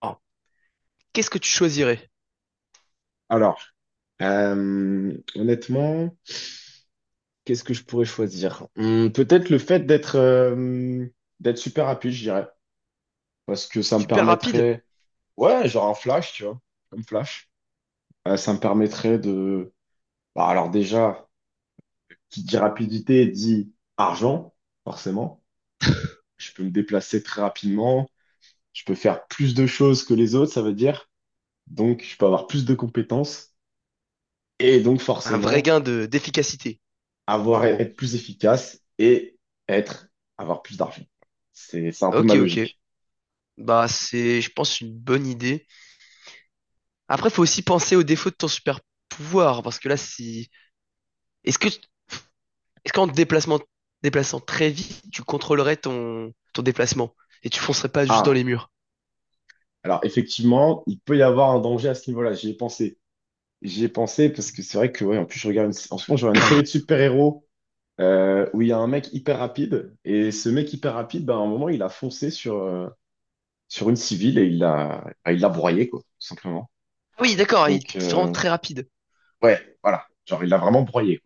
Alors, qu'est-ce que tu choisirais? Alors, honnêtement, qu'est-ce que je pourrais choisir? Peut-être le fait d'être d'être super rapide, je dirais. Parce que ça me Super rapide? permettrait. Ouais, genre un flash, tu vois. Comme flash. Ça me permettrait de. Bah, alors déjà, qui dit rapidité dit argent, forcément. Je peux me déplacer très rapidement. Je peux faire plus de choses que les autres, ça veut dire. Donc, je peux avoir plus de compétences. Et donc, Un vrai forcément. gain de d'efficacité, en Avoir, gros. être plus efficace et être, avoir plus d'argent. C'est un peu ma Ok, ok. logique. Bah, c'est, je pense, une bonne idée. Après, faut aussi penser aux défauts de ton super pouvoir, parce que là, si... Est-ce que Est-ce qu'en te déplaçant très vite, tu contrôlerais ton déplacement et tu foncerais pas juste dans Ah, les murs? alors effectivement, il peut y avoir un danger à ce niveau-là. J'y ai pensé. J'y ai pensé parce que c'est vrai que, ouais, en plus, en ce moment, je regarde une série de super-héros où il y a un mec hyper rapide. Et ce mec hyper rapide, ben, à un moment, il a foncé sur, sur une civile et il l'a, ah, il l'a broyé, quoi, tout simplement. Ah oui, d'accord, il Donc, est vraiment très rapide. ouais, voilà. Genre, il l'a vraiment broyé.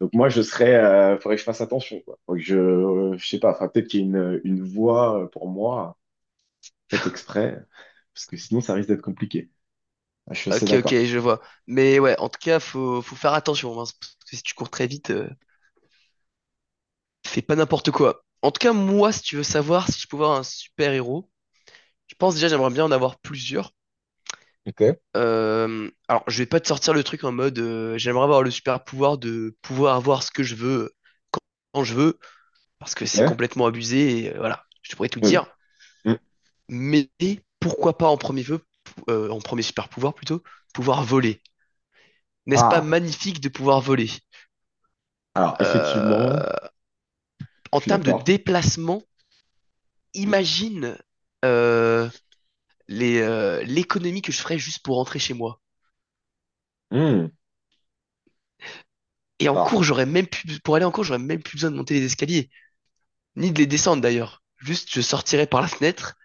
Donc moi, je serais, faudrait que je fasse attention, quoi. Faut que je sais pas, enfin peut-être qu'il y a une voie pour moi faite exprès, parce que sinon ça risque d'être compliqué. Ah, je suis assez Ok, ok, d'accord. je vois. Mais ouais, en tout cas, faut faire attention, hein, parce que si tu cours très vite, fais pas n'importe quoi. En tout cas, moi, si tu veux savoir si je peux avoir un super-héros, je pense déjà j'aimerais bien en avoir plusieurs. Ok. Alors, je vais pas te sortir le truc en mode j'aimerais avoir le super-pouvoir de pouvoir avoir ce que je veux quand je veux, parce que Ok? c'est complètement abusé, et voilà, je pourrais tout Mm. dire. Mm. Mais pourquoi pas en premier vœu, en premier super-pouvoir plutôt, pouvoir voler. N'est-ce pas Ah, magnifique de pouvoir voler? alors effectivement, Euh, En je suis termes de d'accord. déplacement, Mm. imagine euh, l'économie que je ferais juste pour rentrer chez moi. Mm. Et en Alors, cours, j'aurais même plus, pour aller en cours, j'aurais même plus besoin de monter les escaliers, ni de les descendre d'ailleurs. Juste, je sortirais par la fenêtre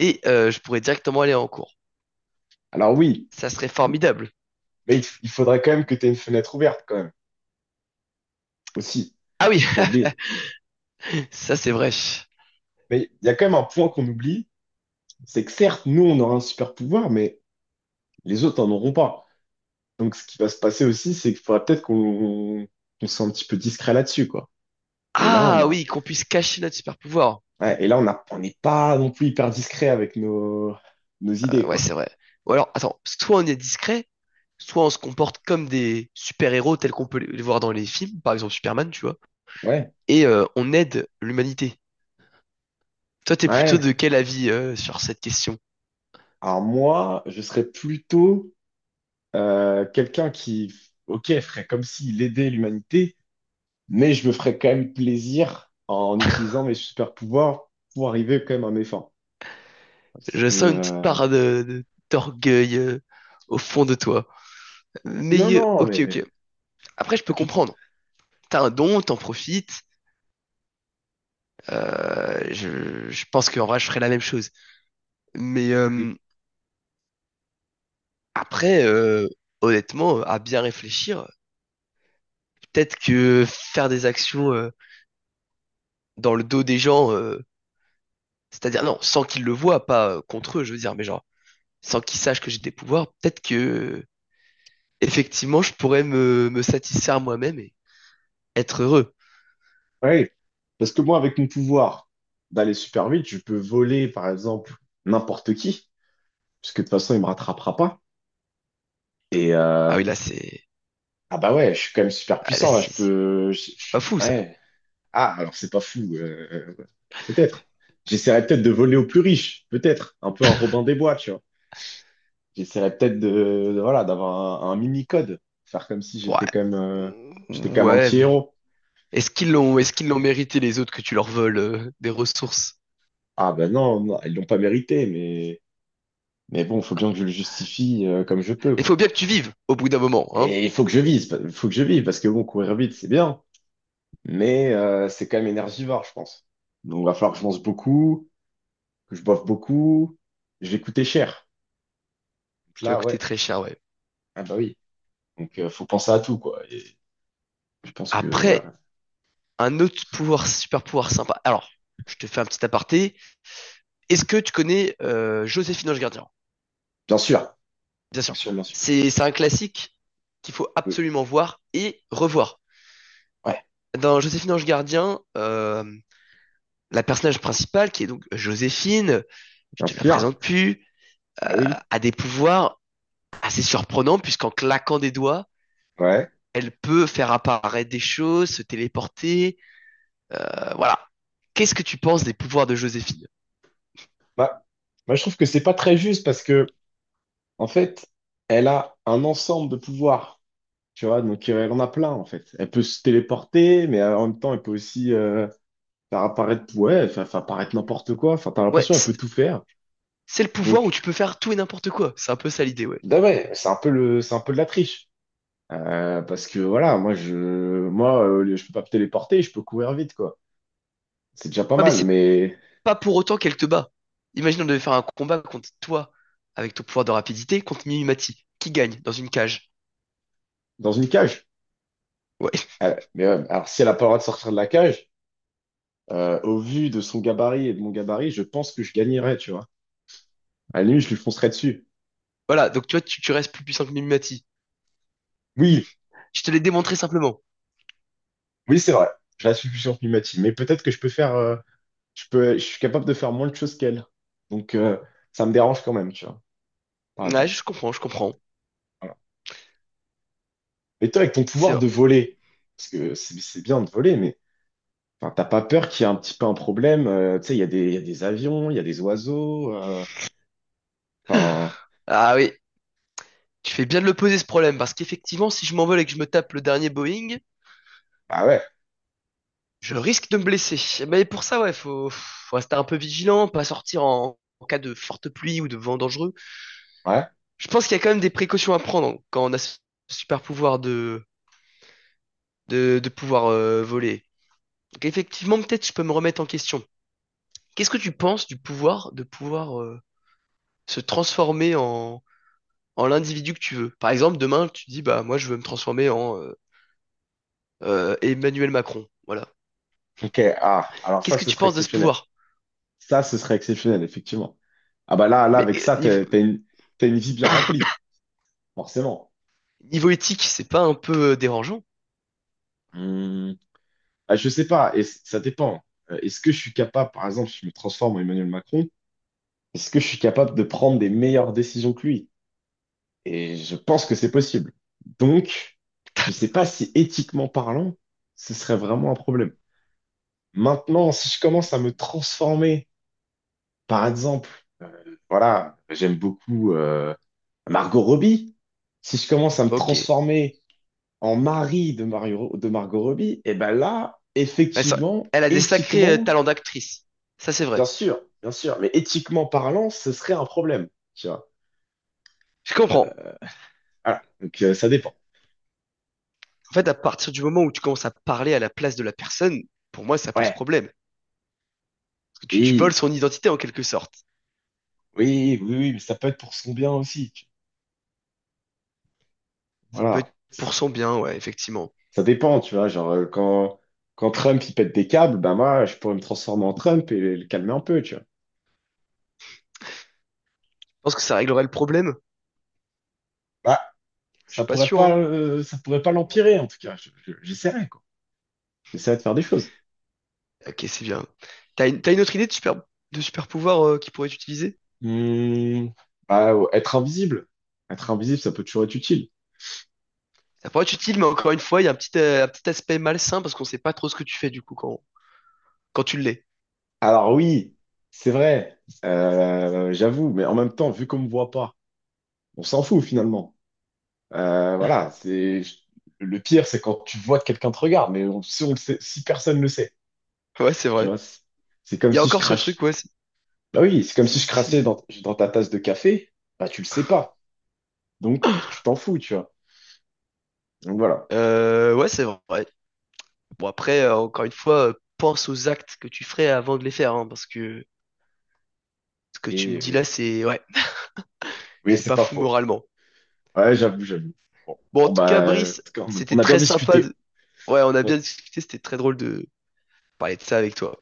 et je pourrais directement aller en cours. alors oui, Ça serait formidable. mais il faudrait quand même que tu aies une fenêtre ouverte quand même, aussi, Ah oui, pas oublier. ça c'est vrai. Mais il y a quand même un point qu'on oublie, c'est que certes, nous on aura un super pouvoir, mais les autres en auront pas. Donc, ce qui va se passer aussi, c'est qu'il faudra peut-être qu'on soit un petit peu discret là-dessus, quoi. Et Ah oui, qu'on puisse cacher notre super pouvoir. ouais, et là, on a, on n'est pas non plus hyper discret avec nos, nos idées, Ouais, quoi. c'est vrai. Ou alors, attends, soit on est discret, soit on se comporte comme des super-héros tels qu'on peut les voir dans les films, par exemple Superman, tu vois. Ouais, Et on aide l'humanité. Toi, t'es plutôt ouais. de quel avis sur cette question? Alors moi, je serais plutôt quelqu'un qui, ok, ferait comme s'il aidait l'humanité, mais je me ferais quand même plaisir en utilisant mes super pouvoirs pour arriver quand même à mes fins. Parce Je que, sens une petite part de, d'orgueil au fond de toi. non, Mais non, ok, mais ok. Après, je peux pas du tout. comprendre. T'as un don, t'en profites. Je pense qu'en vrai, je ferais la même chose. Mais après, honnêtement, à bien réfléchir, peut-être que faire des actions dans le dos des gens, c'est-à-dire, non, sans qu'ils le voient, pas contre eux, je veux dire, mais genre, sans qu'ils sachent que j'ai des pouvoirs, peut-être que, effectivement, je pourrais me satisfaire moi-même et être heureux. Ouais, parce que moi, avec mon pouvoir d'aller super vite, je peux voler, par exemple, n'importe qui, puisque de toute façon, il me rattrapera pas. Et Ah oui, là, c'est, ah bah ouais, je suis quand même super ah, là, puissant là. Je c'est, c'est peux, c'est pas fou, ça. ouais. Ah, alors c'est pas fou, peut-être. J'essaierai peut-être de voler aux plus riches, peut-être, un peu un Robin des Bois, tu vois. J'essaierai peut-être voilà, d'avoir un mini-code, faire comme si Ouais. j'étais quand même, j'étais quand même un Ouais, petit mais héros. Est-ce qu'ils l'ont mérité les autres que tu leur voles des ressources? Ah ben non, non, ils l'ont pas mérité. Mais bon, faut bien que je le justifie comme je peux, Il faut quoi. bien que tu vives au bout d'un moment, hein. Et il faut que je vise, pa- faut que je vive, parce que bon, courir vite, c'est bien, mais c'est quand même énergivore, je pense. Donc, il va falloir que je mange beaucoup, que je boive beaucoup, je vais coûter cher. Donc Tu vas là, coûter ouais, très cher, ouais. ah bah oui. Donc, faut penser à tout, quoi. Et je pense que, Après, voilà. un autre pouvoir, super pouvoir sympa. Alors, je te fais un petit aparté. Est-ce que tu connais Joséphine Ange Gardien? Bien sûr, Bien bien sûr. sûr, bien sûr. C'est un classique qu'il faut Oui. absolument voir et revoir. Ouais, Dans Joséphine Ange Gardien, la personnage principale, qui est donc Joséphine, je bien te la sûr. présente plus, Ah oui, a des pouvoirs assez surprenants puisqu'en claquant des doigts, ouais. elle peut faire apparaître des choses, se téléporter. Voilà. Qu'est-ce que tu penses des pouvoirs de Joséphine? Bah, moi, je trouve que c'est pas très juste parce que, en fait, elle a un ensemble de pouvoirs. Tu vois, donc elle en a plein en fait. Elle peut se téléporter, mais en même temps, elle peut aussi faire apparaître, ouais, faire apparaître n'importe quoi. Enfin, t'as Ouais, l'impression qu'elle c'est peut tout faire. c'est le pouvoir où Donc, tu peux faire tout et n'importe quoi. C'est un peu ça l'idée, ouais. bah ouais, c'est un peu c'est un peu de la triche. Parce que voilà, moi, je peux pas me téléporter, je peux courir vite quoi. C'est déjà pas Ouais, mais mal, c'est mais pas pour autant qu'elle te bat. Imagine on devait faire un combat contre toi, avec ton pouvoir de rapidité, contre Mimimati, qui gagne dans une cage. dans une cage. Ouais, Mais ouais, alors si elle a pas le droit de sortir de la cage, au vu de son gabarit et de mon gabarit, je pense que je gagnerais, tu vois. À la limite, je lui foncerais dessus. voilà, donc tu vois, tu restes plus puissant que Mimimati. Oui, Je te l'ai démontré simplement. oui, c'est vrai. Je reste plus sur Pimati, mais peut-être que je peux faire. Je peux, je suis capable de faire moins de choses qu'elle. Donc, ça me dérange quand même, tu vois, par Ouais, exemple. Je comprends. Voilà. Et toi, avec ton C'est pouvoir vrai. de voler, parce que c'est bien de voler, mais enfin, t'as pas peur qu'il y ait un petit peu un problème. Tu sais, il y a il y a des avions, il y a des oiseaux. Enfin, Ah oui, tu fais bien de le poser ce problème, parce qu'effectivement, si je m'envole et que je me tape le dernier Boeing, ah ouais, je risque de me blesser. Mais pour ça, ouais, faut rester un peu vigilant, pas sortir en cas de forte pluie ou de vent dangereux. ouais. Je pense qu'il y a quand même des précautions à prendre quand on a ce super pouvoir de pouvoir voler. Donc effectivement, peut-être je peux me remettre en question. Qu'est-ce que tu penses du pouvoir de pouvoir se transformer en l'individu que tu veux? Par exemple, demain, tu dis, bah moi, je veux me transformer en Emmanuel Macron. Voilà. Ok, ah, alors Qu'est-ce ça, que ce tu serait penses de ce exceptionnel. pouvoir? Ça, ce serait exceptionnel, effectivement. Ah bah là, Mais avec ça, t'as une vie bien remplie, forcément. niveau éthique, c'est pas un peu dérangeant? Hum, ah, je sais pas, et ça dépend. Est-ce que je suis capable, par exemple, si je me transforme en Emmanuel Macron, est-ce que je suis capable de prendre des meilleures décisions que lui? Et je pense que c'est possible. Donc, je ne sais pas si éthiquement parlant, ce serait vraiment un problème. Maintenant, si je commence à me transformer, par exemple, voilà, j'aime beaucoup Margot Robbie. Si je commence à me Ok. transformer en mari de Mario, de Margot Robbie, et ben là, Elle, ça- effectivement, Elle a des sacrés éthiquement, talents d'actrice. Ça, c'est vrai. Bien sûr, mais éthiquement parlant, ce serait un problème, tu vois. Je comprends. Voilà, donc ça dépend. En fait, à partir du moment où tu commences à parler à la place de la personne, pour moi, ça pose Ouais, problème. Parce que tu voles oui, son identité en quelque sorte. Oui, mais ça peut être pour son bien aussi. Ça peut Voilà. être pour son bien, ouais, effectivement. Ça dépend, tu vois. Genre, quand Trump, il pète des câbles, bah moi, je pourrais me transformer en Trump et le calmer un peu, tu vois. Je pense que ça réglerait le problème. Bah, Je suis pas sûr, hein. Ça pourrait pas l'empirer, en tout cas. J'essaierai, quoi. J'essaierai de faire des choses. Ok, c'est bien. T'as une autre idée de super pouvoir qui pourrait être utilisé? Hmm, bah, ouais, être invisible. Être invisible, ça peut toujours être utile. Ça pourrait être utile, mais encore une fois, il y a un petit aspect malsain parce qu'on sait pas trop ce que tu fais du coup quand tu l'es. Alors oui, c'est vrai, j'avoue, mais en même temps, vu qu'on me voit pas, on s'en fout finalement. Voilà, c'est le pire, c'est quand tu vois que quelqu'un te regarde, mais si, si personne le sait, Ouais, c'est tu vrai. vois, c'est comme Il y a si je encore ce truc, crache. ouais. Si, Bah oui, c'est comme si je si, si. crassais dans ta tasse de café, bah tu le sais pas, donc tu t'en fous, tu vois. Donc voilà. Ouais, c'est vrai. Bon, après, encore une fois, pense aux actes que tu ferais avant de les faire, hein, parce que ce que tu me Et dis oui, là, c'est ouais, oui, c'est c'est pas pas fou faux. moralement. Ouais, j'avoue, j'avoue. Bon, Bon, en tout cas, en Brice, tout cas, c'était on a bien très sympa. discuté. de- Ouais, on a Ouais. bien discuté, c'était très drôle de parler de ça avec toi.